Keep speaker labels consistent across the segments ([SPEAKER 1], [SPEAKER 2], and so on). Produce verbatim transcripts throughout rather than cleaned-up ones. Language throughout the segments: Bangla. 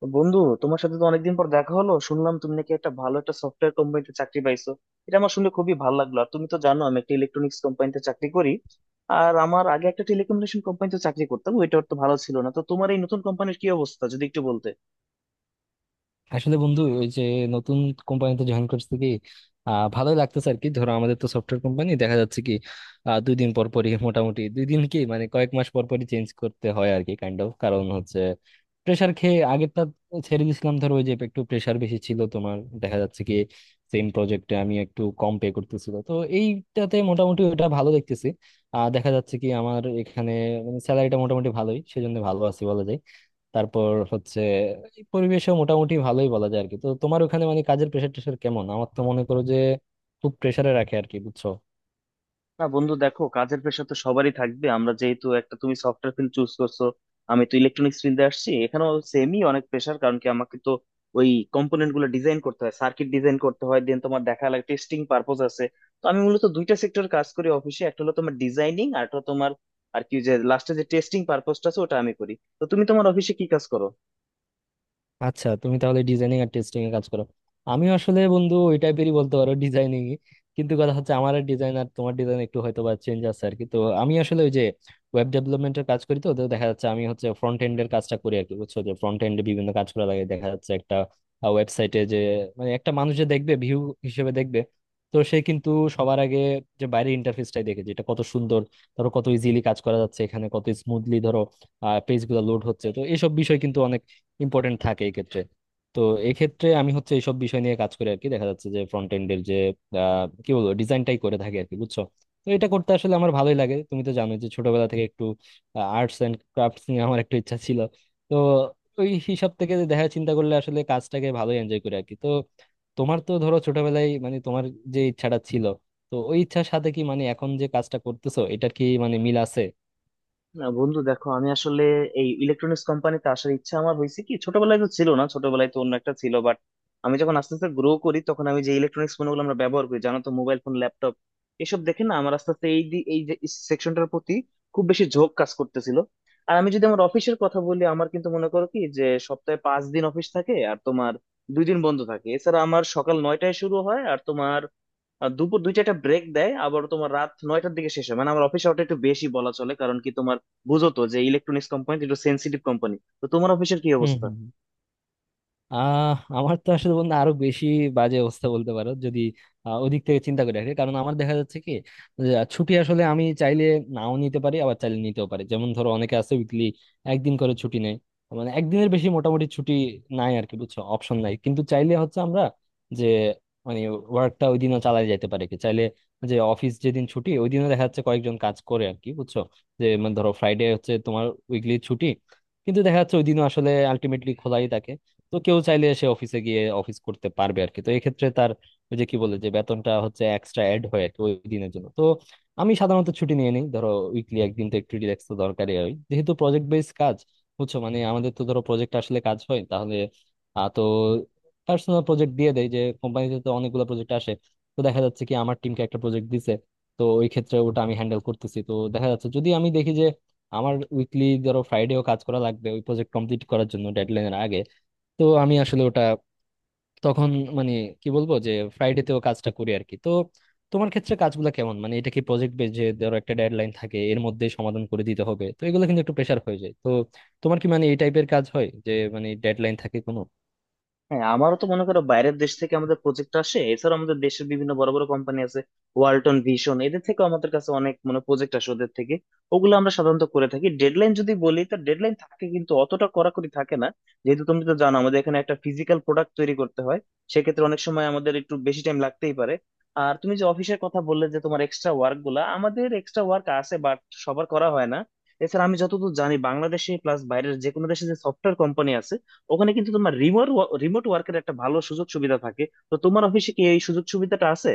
[SPEAKER 1] তো বন্ধু, তোমার সাথে তো অনেকদিন পর দেখা হলো। শুনলাম তুমি নাকি একটা ভালো একটা সফটওয়্যার কোম্পানিতে চাকরি পাইছো। এটা আমার শুনে খুবই ভালো লাগলো। আর তুমি তো জানো, আমি একটা ইলেকট্রনিক্স কোম্পানিতে চাকরি করি। আর আমার আগে একটা টেলিকমিউনিকেশন কোম্পানিতে চাকরি করতাম, ওইটা তো ভালো ছিল না। তো তোমার এই নতুন কোম্পানির কি অবস্থা, যদি একটু বলতে।
[SPEAKER 2] আসলে বন্ধু ওই যে নতুন কোম্পানিতে জয়েন করছি কি আহ ভালোই লাগতেছে আর কি ধরো আমাদের তো সফটওয়্যার কোম্পানি দেখা যাচ্ছে কি আহ, দুই দিন পর পরই মোটামুটি দুই দিন কি মানে কয়েক মাস পর পরই চেঞ্জ করতে হয় আর কি কাইন্ড অফ কারণ হচ্ছে প্রেসার খেয়ে আগেরটা ছেড়ে দিয়েছিলাম ধরো ওই যে একটু প্রেসার বেশি ছিল তোমার দেখা যাচ্ছে কি সেম প্রজেক্টে আমি একটু কম পে করতেছিল, তো এইটাতে মোটামুটি ওটা ভালো দেখতেছি। আর দেখা যাচ্ছে কি আমার এখানে মানে স্যালারিটা মোটামুটি ভালোই, সেজন্য ভালো আছি বলা যায়। তারপর হচ্ছে এই পরিবেশও মোটামুটি ভালোই বলা যায় আর কি। তো তোমার ওখানে মানে কাজের প্রেশার টেশার কেমন? আমার তো মনে করো যে খুব প্রেশারে রাখে আর কি, বুঝছো?
[SPEAKER 1] না বন্ধু, দেখো কাজের প্রেশার তো সবারই থাকবে। আমরা যেহেতু একটা, তুমি সফটওয়্যার ফিল্ড চুজ করছো, আমি তো ইলেকট্রনিক্স ফিল্ডে আসছি। এখানেও সেমই অনেক প্রেশার। কারণ কি, আমাকে তো ওই কম্পোনেন্ট গুলো ডিজাইন করতে হয়, সার্কিট ডিজাইন করতে হয়, দেন তোমার দেখা লাগে টেস্টিং পারপোজ আছে। তো আমি মূলত দুইটা সেক্টর কাজ করি অফিসে। একটা হলো তোমার ডিজাইনিং, আর একটা তোমার আর কি, যে লাস্টে যে টেস্টিং পারপোজটা আছে ওটা আমি করি। তো তুমি তোমার অফিসে কি কাজ করো?
[SPEAKER 2] আচ্ছা তুমি তাহলে ডিজাইনিং আর টেস্টিং এ কাজ করো। আমি আসলে বন্ধু ওই টাইপেরই বলতে পারো ডিজাইনিং, কিন্তু কথা হচ্ছে আমার ডিজাইন আর তোমার ডিজাইন একটু হয়তো বা চেঞ্জ আছে আর কি। তো আমি আসলে ওই যে ওয়েব ডেভেলপমেন্টের কাজ করি। তো তো দেখা যাচ্ছে আমি হচ্ছে ফ্রন্ট এন্ডের কাজটা করি আর কি, বুঝছো? যে ফ্রন্ট এন্ডে বিভিন্ন কাজ করা লাগে, দেখা যাচ্ছে একটা ওয়েবসাইটে যে মানে একটা মানুষ যে দেখবে ভিউ হিসেবে দেখবে, তো সে কিন্তু সবার আগে যে বাইরের ইন্টারফেসটাই দেখে, যেটা কত সুন্দর, ধরো কত ইজিলি কাজ করা যাচ্ছে এখানে, কত স্মুথলি ধরো পেজ গুলো লোড হচ্ছে, তো এইসব বিষয় কিন্তু অনেক ইম্পর্টেন্ট থাকে এই ক্ষেত্রে। তো এক্ষেত্রে আমি হচ্ছে এইসব বিষয় নিয়ে কাজ করি আর কি। দেখা যাচ্ছে যে ফ্রন্ট এন্ডের যে আহ, কি বলবো ডিজাইনটাই করে থাকি আর কি, বুঝছো? তো এটা করতে আসলে আমার ভালোই লাগে। তুমি তো জানোই যে ছোটবেলা থেকে একটু আর্টস এন্ড ক্রাফটস নিয়ে আমার একটু ইচ্ছা ছিল। তো ওই হিসাব থেকে দেখা চিন্তা করলে আসলে কাজটাকে ভালোই এনজয় করি আর কি। তো তোমার তো ধরো ছোটবেলায় মানে তোমার যে ইচ্ছাটা ছিল, তো ওই ইচ্ছার সাথে কি মানে এখন যে কাজটা করতেছো এটার কি মানে মিল আছে?
[SPEAKER 1] না বন্ধু দেখো, আমি আসলে এই ইলেকট্রনিক্স কোম্পানিতে আসার ইচ্ছা আমার হয়েছে কি, ছোটবেলায় তো ছিল না, ছোটবেলায় তো অন্য একটা ছিল। বাট আমি যখন আস্তে আস্তে গ্রো করি, তখন আমি যে ইলেকট্রনিক্স পণ্যগুলো আমরা ব্যবহার করি, জানো তো, মোবাইল ফোন, ল্যাপটপ, এসব দেখে না আমার আস্তে আস্তে এই দি- এই যে সেকশনটার প্রতি খুব বেশি ঝোঁক কাজ করতেছিল। আর আমি যদি আমার অফিসের কথা বলি, আমার কিন্তু মনে করো কি, যে সপ্তাহে পাঁচ দিন অফিস থাকে, আর তোমার দুই দিন বন্ধ থাকে। এছাড়া আমার সকাল নয়টায় শুরু হয়, আর তোমার আর দুপুর দুইটা একটা ব্রেক দেয়, আবার তোমার রাত নয়টার দিকে শেষ হয়। মানে আমার অফিস আওয়ারটা একটু বেশি বলা চলে, কারণ কি তোমার, বুঝো তো যে ইলেকট্রনিক্স কোম্পানি একটু সেন্সিটিভ কোম্পানি। তো তোমার অফিসের কি
[SPEAKER 2] হুম,
[SPEAKER 1] অবস্থা?
[SPEAKER 2] হুম। আহ আমার তো আসলে বন্ধু আরো বেশি বাজে অবস্থা বলতে পারো, যদি আহ, ওদিক থেকে চিন্তা করি আর কি। কারণ আমার দেখা যাচ্ছে কি যে, আহ, ছুটি আসলে আমি চাইলে নাও নিতে পারি আবার চাইলে নিতেও পারি। যেমন ধরো অনেকে আছে উইকলি একদিন করে ছুটি নেয়, মানে একদিনের বেশি মোটামুটি ছুটি নাই আর কি, বুঝছো, অপশন নাই, কিন্তু চাইলে হচ্ছে আমরা যে মানে ওয়ার্কটা ওই দিনও চালাই যেতে পারি কি চাইলে। যে অফিস যেদিন ছুটি ওই দিনও দেখা যাচ্ছে কয়েকজন কাজ করে আর কি, বুঝছো? যে মানে ধরো ফ্রাইডে হচ্ছে তোমার উইকলি ছুটি, কিন্তু দেখা যাচ্ছে ওই দিনও আসলে আলটিমেটলি খোলাই থাকে। তো কেউ চাইলে সে অফিসে গিয়ে অফিস করতে পারবে আর কি। তো এক্ষেত্রে তার ওই যে কি বলে যে বেতনটা হচ্ছে এক্সট্রা অ্যাড হয় আর কি ওই দিনের জন্য। তো আমি সাধারণত ছুটি নিয়ে নিই ধরো উইকলি একদিন, তো একটু রিল্যাক্স তো দরকারই হয় যেহেতু প্রজেক্ট বেস কাজ, বুঝছো? মানে আমাদের তো ধরো প্রজেক্ট আসলে কাজ হয় তাহলে আহ, তো পার্সোনাল প্রজেক্ট দিয়ে দেয় যে, কোম্পানিতে তো অনেকগুলো প্রজেক্ট আসে, তো দেখা যাচ্ছে কি আমার টিমকে একটা প্রজেক্ট দিছে, তো ওই ক্ষেত্রে ওটা আমি হ্যান্ডেল করতেছি। তো দেখা যাচ্ছে যদি আমি দেখি যে আমার উইকলি ধরো ফ্রাইডেও কাজ করা লাগবে ওই প্রজেক্ট কমপ্লিট করার জন্য ডেডলাইনের আগে, তো আমি আসলে ওটা তখন মানে কি বলবো যে ফ্রাইডেতেও কাজটা করি আর কি। তো তোমার ক্ষেত্রে কাজগুলো কেমন, মানে এটা কি প্রজেক্ট বেস যে ধরো একটা ডেডলাইন থাকে এর মধ্যে সমাধান করে দিতে হবে? তো এগুলো কিন্তু একটু প্রেশার হয়ে যায়। তো তোমার কি মানে এই টাইপের কাজ হয় যে মানে ডেডলাইন থাকে কোনো?
[SPEAKER 1] হ্যাঁ, আমারও তো মনে করো বাইরের দেশ থেকে আমাদের প্রজেক্ট আসে। এছাড়া আমাদের দেশের বিভিন্ন বড় বড় কোম্পানি আছে, ওয়ালটন, ভিশন, এদের থেকে আমাদের কাছে অনেক মানে প্রজেক্ট আসে ওদের থেকে। ওগুলো আমরা সাধারণত করে থাকি। ডেডলাইন যদি বলি, তো ডেডলাইন থাকে কিন্তু অতটা কড়াকড়ি থাকে না, যেহেতু তুমি তো জানো আমাদের এখানে একটা ফিজিক্যাল প্রোডাক্ট তৈরি করতে হয়। সেক্ষেত্রে অনেক সময় আমাদের একটু বেশি টাইম লাগতেই পারে। আর তুমি যে অফিসের কথা বললে, যে তোমার এক্সট্রা ওয়ার্ক গুলা, আমাদের এক্সট্রা ওয়ার্ক আছে, বাট সবার করা হয় না। এছাড়া আমি যতদূর জানি, বাংলাদেশে প্লাস বাইরের যে কোনো দেশে যে সফটওয়্যার কোম্পানি আছে, ওখানে কিন্তু তোমার রিমোট রিমোট ওয়ার্কের একটা ভালো সুযোগ সুবিধা থাকে। তো তোমার অফিসে কি এই সুযোগ সুবিধাটা আছে?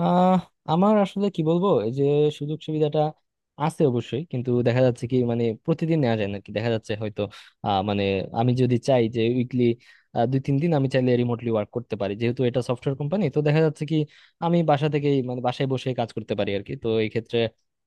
[SPEAKER 2] আহ আমার আসলে কি বলবো, এই যে সুযোগ সুবিধাটা আছে অবশ্যই, কিন্তু দেখা যাচ্ছে কি মানে প্রতিদিন নেওয়া যায় না কি, দেখা যাচ্ছে হয়তো আহ মানে আমি যদি চাই যে উইকলি দুই তিন দিন আমি চাইলে রিমোটলি ওয়ার্ক করতে পারি, যেহেতু এটা সফটওয়্যার কোম্পানি। তো দেখা যাচ্ছে কি আমি বাসা থেকেই মানে বাসায় বসে কাজ করতে পারি আর কি। তো এই ক্ষেত্রে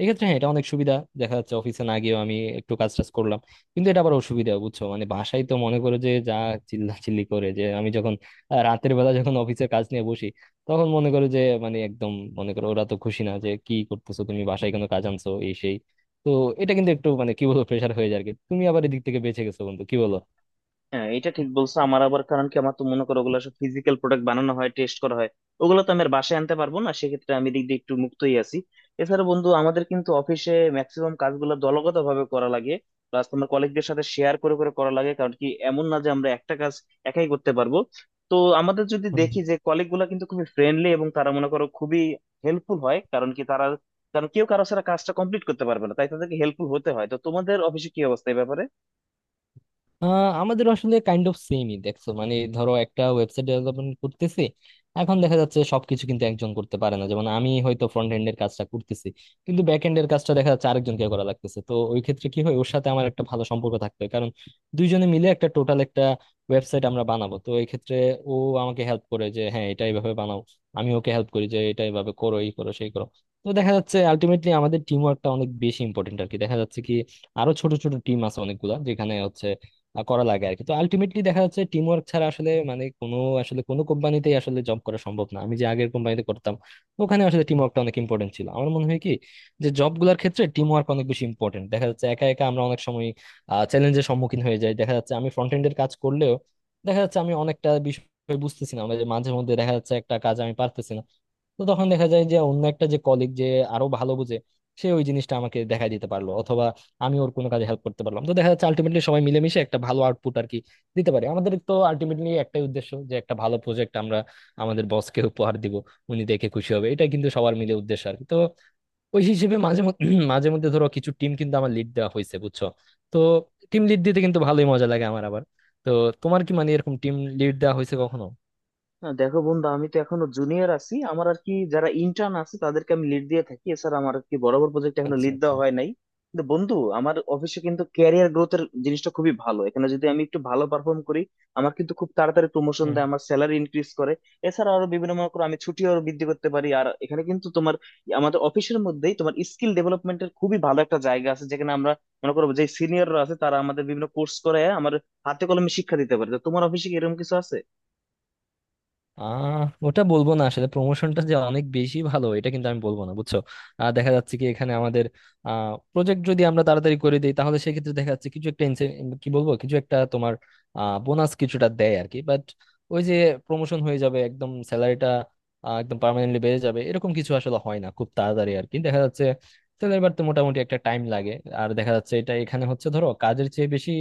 [SPEAKER 2] এক্ষেত্রে হ্যাঁ এটা অনেক সুবিধা, দেখা যাচ্ছে অফিসে না গিয়েও আমি একটু কাজ টাজ করলাম। কিন্তু এটা আবার অসুবিধা, বুঝছো, মানে বাসায় তো মনে করো যে যা চিল্লাচিল্লি করে, যে আমি যখন আহ, রাতের বেলা যখন অফিসের কাজ নিয়ে বসি তখন মনে করো যে মানে একদম মনে করো ওরা তো খুশি না যে কি করতেছো তুমি বাসায় কোনো কাজ আনছো এই সেই। তো এটা কিন্তু একটু মানে কি বলবো প্রেশার হয়ে যায় আর কি। তুমি আবার এদিক থেকে বেঁচে গেছো বন্ধু, কি বলো?
[SPEAKER 1] হ্যাঁ এটা ঠিক বলছো। আমার আবার কারণ কি, আমার তো মনে করো ওগুলো সব ফিজিক্যাল প্রোডাক্ট, বানানো হয়, টেস্ট করা হয়, ওগুলো তো আমি আর বাসায় আনতে পারবো না। সেক্ষেত্রে আমি দিক দিয়ে একটু মুক্তই আছি। এছাড়া বন্ধু, আমাদের কিন্তু অফিসে ম্যাক্সিমাম কাজগুলো দলগত ভাবে করা লাগে, প্লাস তোমার কলিগদের সাথে শেয়ার করে করে করা লাগে। কারণ কি, এমন না যে আমরা একটা কাজ একাই করতে পারবো। তো আমাদের যদি দেখি, যে কলিগ গুলা কিন্তু খুবই ফ্রেন্ডলি এবং তারা মনে করো খুবই হেল্পফুল হয়। কারণ কি তারা, কারণ কেউ কারো ছাড়া কাজটা কমপ্লিট করতে পারবে না, তাই তাদেরকে হেল্পফুল হতে হয়। তো তোমাদের অফিসে কি অবস্থা এই ব্যাপারে?
[SPEAKER 2] আহ, আমাদের আসলে কাইন্ড অফ সেমই দেখছো। মানে ধরো একটা ওয়েবসাইট ডেভেলপমেন্ট করতেছি, এখন দেখা যাচ্ছে সবকিছু কিন্তু একজন করতে পারে না। যেমন আমি হয়তো ফ্রন্ট এন্ড এর কাজটা করতেছি, কিন্তু ব্যাক এন্ড এর কাজটা দেখা যাচ্ছে আরেকজনকে করা লাগতেছে। তো ওই ক্ষেত্রে কি হয় ওর সাথে আমার একটা ভালো সম্পর্ক থাকতে হয়, কারণ দুইজনে মিলে একটা টোটাল একটা ওয়েবসাইট আমরা বানাবো। তো এই ক্ষেত্রে ও আমাকে হেল্প করে যে হ্যাঁ এটা এইভাবে বানাও, আমি ওকে হেল্প করি যে এটা এইভাবে করো এই করো সেই করো। তো দেখা যাচ্ছে আলটিমেটলি আমাদের টিম ওয়ার্কটা অনেক বেশি ইম্পর্টেন্ট আর কি। দেখা যাচ্ছে কি আরো ছোট ছোট টিম আছে অনেকগুলা যেখানে হচ্ছে আহ, করা লাগে আর কি। তো আলটিমেটলি দেখা যাচ্ছে টিম ওয়ার্ক ছাড়া আসলে মানে কোনো আসলে কোনো কোম্পানিতেই আসলে জব করা সম্ভব না। আমি যে আগের কোম্পানিতে করতাম ওখানে আসলে টিম ওয়ার্কটা অনেক ইম্পর্টেন্ট ছিল। আমার মনে হয় কি যে জব গুলার ক্ষেত্রে টিম ওয়ার্ক অনেক বেশি ইম্পর্টেন্ট, দেখা যাচ্ছে একা একা আমরা অনেক সময় চ্যালেঞ্জের সম্মুখীন হয়ে যাই। দেখা যাচ্ছে আমি ফ্রন্ট এন্ডের কাজ করলেও দেখা যাচ্ছে আমি অনেকটা বিষয় বুঝতেছি না, মানে যে মাঝে মধ্যে দেখা যাচ্ছে একটা কাজ আমি পারতেছি না। তো তখন দেখা যায় যে অন্য একটা যে কলিগ যে আরো ভালো বুঝে, সে ওই জিনিসটা আমাকে দেখাই দিতে পারলো, আমি ওর কোনো কাজে হেল্প করতে পারলাম। তো দেখা যাচ্ছে আলটিমেটলি সবাই মিলেমিশে একটা ভালো আউটপুট আর কি দিতে পারি। আমাদের তো আলটিমেটলি একটাই উদ্দেশ্য যে একটা ভালো প্রজেক্ট আমরা আমাদের বসকে উপহার দিব, উনি দেখে খুশি হবে, এটা কিন্তু সবার মিলে উদ্দেশ্য আর কি। তো ওই হিসেবে মাঝে মধ্যে মাঝে মধ্যে ধরো কিছু টিম কিন্তু আমার লিড দেওয়া হয়েছে, বুঝছো? তো টিম লিড দিতে কিন্তু ভালোই মজা লাগে আমার আবার। তো তোমার কি মানে এরকম টিম লিড দেওয়া হয়েছে কখনো?
[SPEAKER 1] না দেখো বন্ধু, আমি তো এখনো জুনিয়র আছি আমার আর কি। যারা ইন্টার্ন আছে তাদেরকে আমি লিড দিয়ে থাকি। এছাড়া আমার আর কি বড় বড় প্রজেক্ট এখনো
[SPEAKER 2] আচ্ছা,
[SPEAKER 1] লিড
[SPEAKER 2] আচ্ছা।
[SPEAKER 1] দেওয়া হয় নাই। কিন্তু বন্ধু, আমার অফিসে কিন্তু ক্যারিয়ার গ্রোথের জিনিসটা খুবই ভালো। এখানে যদি আমি একটু ভালো পারফর্ম করি, আমার কিন্তু খুব তাড়াতাড়ি প্রমোশন
[SPEAKER 2] হুম।
[SPEAKER 1] দেয়, আমার স্যালারি ইনক্রিজ করে। এছাড়া আরো বিভিন্ন, মনে করো আমি ছুটি আরো বৃদ্ধি করতে পারি। আর এখানে কিন্তু তোমার, আমাদের অফিসের মধ্যেই তোমার স্কিল ডেভেলপমেন্টের খুবই ভালো একটা জায়গা আছে, যেখানে আমরা মনে করো যে সিনিয়ররা আছে তারা আমাদের বিভিন্ন কোর্স করে আমার হাতে কলমে শিক্ষা দিতে পারে। তো তোমার অফিসে কি এরকম কিছু আছে?
[SPEAKER 2] আহ ওটা বলবো না, আসলে প্রমোশনটা যে অনেক বেশি ভালো এটা কিন্তু আমি বলবো না, বুঝছো? আহ, দেখা যাচ্ছে কি এখানে আমাদের আহ প্রজেক্ট যদি আমরা তাড়াতাড়ি করে দিই তাহলে সেক্ষেত্রে দেখা যাচ্ছে কিছু একটা ince- কি বলবো কিছু একটা তোমার আহ বোনাস কিছুটা দেয় আর কি। বাট ওই যে প্রমোশন হয়ে যাবে একদম, স্যালারিটা একদম পার্মানেন্টলি বেড়ে যাবে এরকম কিছু আসলে হয় না খুব তাড়াতাড়ি আর কি। দেখা যাচ্ছে স্যালারি বাড়তে মোটামুটি একটা টাইম লাগে। আর দেখা যাচ্ছে এটা এখানে হচ্ছে ধরো কাজের চেয়ে বেশি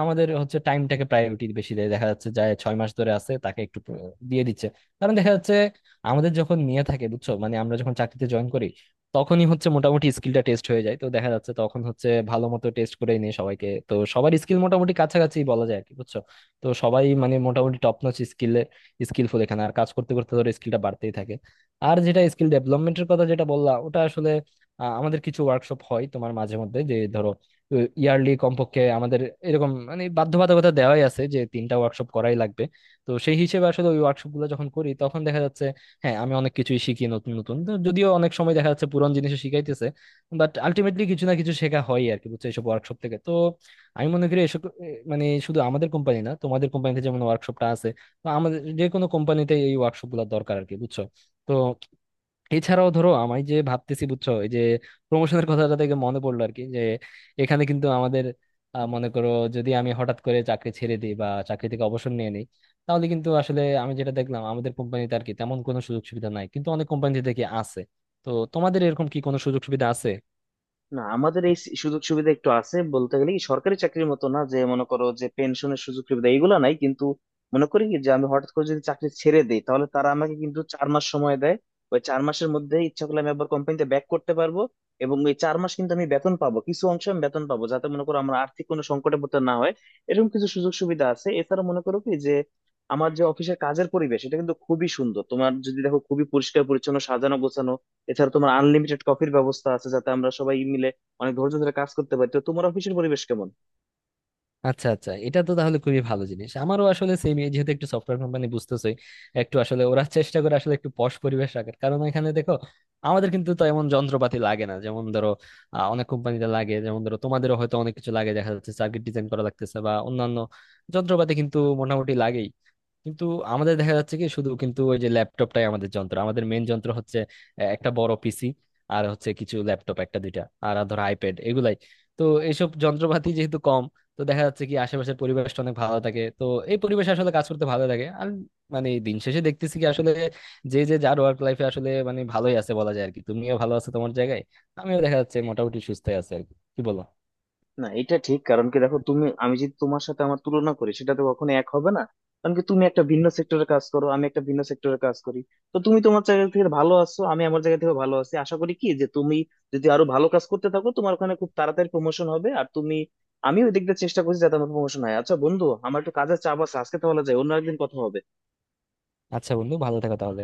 [SPEAKER 2] আমাদের হচ্ছে টাইমটাকে প্রায়োরিটি বেশি দেয়, দেখা যাচ্ছে যায় ছয় মাস ধরে আছে তাকে একটু প্র- দিয়ে দিচ্ছে। কারণ দেখা যাচ্ছে আমাদের যখন নিয়ে থাকে, বুঝছো, মানে আমরা যখন চাকরিতে জয়েন করি, তখনই হচ্ছে মোটামুটি স্কিলটা টেস্ট হয়ে যায়। তো দেখা যাচ্ছে তখন হচ্ছে ভালো মতো টেস্ট করে নিয়ে সবাইকে, তো সবার স্কিল মোটামুটি কাছাকাছি বলা যায় আর কি, বুঝছো? তো সবাই মানে মোটামুটি টপ নচ স্কিলে স্কিলফুল এখানে। আর কাজ করতে করতে ধরো স্কিলটা বাড়তেই থাকে। আর যেটা স্কিল ডেভেলপমেন্টের কথা যেটা বললা ওটা আসলে আহ, আমাদের কিছু ওয়ার্কশপ হয় তোমার মাঝে মধ্যে যে ধরো ইয়ারলি কমপক্ষে আমাদের এরকম মানে বাধ্যবাধকতা দেওয়াই আছে যে তিনটা ওয়ার্কশপ করাই লাগবে। তো সেই হিসেবে আসলে ওই ওয়ার্কশপ গুলো যখন করি তখন দেখা যাচ্ছে হ্যাঁ আমি অনেক কিছুই শিখি নতুন নতুন। তো যদিও অনেক সময় দেখা যাচ্ছে পুরনো জিনিসও শিখাইতেছে, বাট আলটিমেটলি কিছু না কিছু শেখা হয় আর কি, বুঝছো, এইসব ওয়ার্কশপ থেকে। তো আমি মনে করি এসব এ, মানে শুধু আমাদের কোম্পানি না, তোমাদের কোম্পানিতে যেমন ওয়ার্কশপটা আছে, তো আমাদের যে কোনো কোম্পানিতে এই ওয়ার্কশপ গুলো দরকার আর কি, বুঝছো? তো এছাড়াও ধরো আমি যে ভাবতেছি, বুঝছো, এই যে প্রমোশনের কথাটা থেকে মনে পড়লো আর কি, যে এখানে কিন্তু আমাদের আহ, মনে করো যদি আমি হঠাৎ করে চাকরি ছেড়ে দিই বা চাকরি থেকে অবসর নিয়ে নিই তাহলে কিন্তু আসলে আমি যেটা দেখলাম আমাদের কোম্পানিতে আর কি তেমন কোনো সুযোগ সুবিধা নাই, কিন্তু অনেক কোম্পানিতে দেখি আছে। তো তোমাদের এরকম কি কোনো সুযোগ সুবিধা আছে?
[SPEAKER 1] না আমাদের এই সুযোগ সুবিধা একটু আছে বলতে গেলে কি, সরকারি চাকরির মতো না যে মনে করো যে পেনশনের সুযোগ সুবিধা, এগুলো নাই। কিন্তু মনে করি কি, যে আমি হঠাৎ করে যদি চাকরি ছেড়ে দেই, তাহলে তারা আমাকে কিন্তু চার মাস সময় দেয়। ওই চার মাসের মধ্যে ইচ্ছা করলে আমি আবার কোম্পানিতে ব্যাক করতে পারবো, এবং ওই চার মাস কিন্তু আমি বেতন পাবো, কিছু অংশ আমি বেতন পাবো, যাতে মনে করো আমার আর্থিক কোনো সংকটে পড়তে না হয়। এরকম কিছু সুযোগ সুবিধা আছে। এছাড়া মনে করো কি যে, আমার যে অফিসের কাজের পরিবেশ, এটা কিন্তু খুবই সুন্দর। তোমার যদি দেখো খুবই পরিষ্কার পরিচ্ছন্ন, সাজানো গোছানো। এছাড়া তোমার আনলিমিটেড কফির ব্যবস্থা আছে, যাতে আমরা সবাই মিলে অনেক ধৈর্য ধরে কাজ করতে পারি। তো তোমার অফিসের পরিবেশ কেমন?
[SPEAKER 2] আচ্ছা, আচ্ছা, এটা তো তাহলে খুবই ভালো জিনিস। আমারও আসলে সেম, যেহেতু একটু সফটওয়্যার কোম্পানি বুঝতেছই, একটু আসলে ওরা চেষ্টা করে আসলে একটু পশ পরিবেশ রাখার, কারণ এখানে দেখো আমাদের কিন্তু তো এমন যন্ত্রপাতি লাগে না যেমন ধরো আহ, অনেক কোম্পানিতে লাগে, যেমন ধরো তোমাদেরও হয়তো অনেক কিছু লাগে, দেখা যাচ্ছে সার্কিট ডিজাইন করা লাগতেছে বা অন্যান্য যন্ত্রপাতি কিন্তু মোটামুটি লাগেই। কিন্তু আমাদের দেখা যাচ্ছে কি শুধু কিন্তু ওই যে ল্যাপটপটাই আমাদের যন্ত্র, আমাদের মেন যন্ত্র হচ্ছে আহ, একটা বড় পিসি, আর হচ্ছে কিছু ল্যাপটপ একটা দুইটা আর ধর আইপ্যাড, এগুলাই। তো এইসব যন্ত্রপাতি যেহেতু কম, তো দেখা যাচ্ছে কি আশেপাশের পরিবেশটা অনেক ভালো থাকে। তো এই পরিবেশে আসলে কাজ করতে ভালো লাগে। আর মানে দিন শেষে দেখতেছি কি আসলে যে যে যার ওয়ার্ক লাইফে আসলে মানে ভালোই আছে বলা যায় আর কি। তুমিও ভালো আছো তোমার জায়গায়, আমিও দেখা যাচ্ছে মোটামুটি সুস্থ আছে আর কি, কি বলো?
[SPEAKER 1] না এটা ঠিক। কারণ কি দেখো, তুমি আমি, যদি তোমার সাথে আমার তুলনা করি সেটা তো কখনো এক হবে না। কারণ কি তুমি একটা ভিন্ন সেক্টরে কাজ করো, আমি একটা ভিন্ন সেক্টরে কাজ করি। তো তুমি তোমার জায়গা থেকে ভালো আছো, আমি আমার জায়গা থেকে ভালো আছি। আশা করি কি, যে তুমি যদি আরো ভালো কাজ করতে থাকো তোমার ওখানে খুব তাড়াতাড়ি প্রমোশন হবে। আর তুমি, আমি ওই দিক দিয়ে চেষ্টা করছি যাতে আমার প্রমোশন হয়। আচ্ছা বন্ধু, আমার একটু কাজের চাপ আছে আজকে, তাহলে যাই, অন্য একদিন কথা হবে।
[SPEAKER 2] আচ্ছা বন্ধু, ভালো থাকো তাহলে।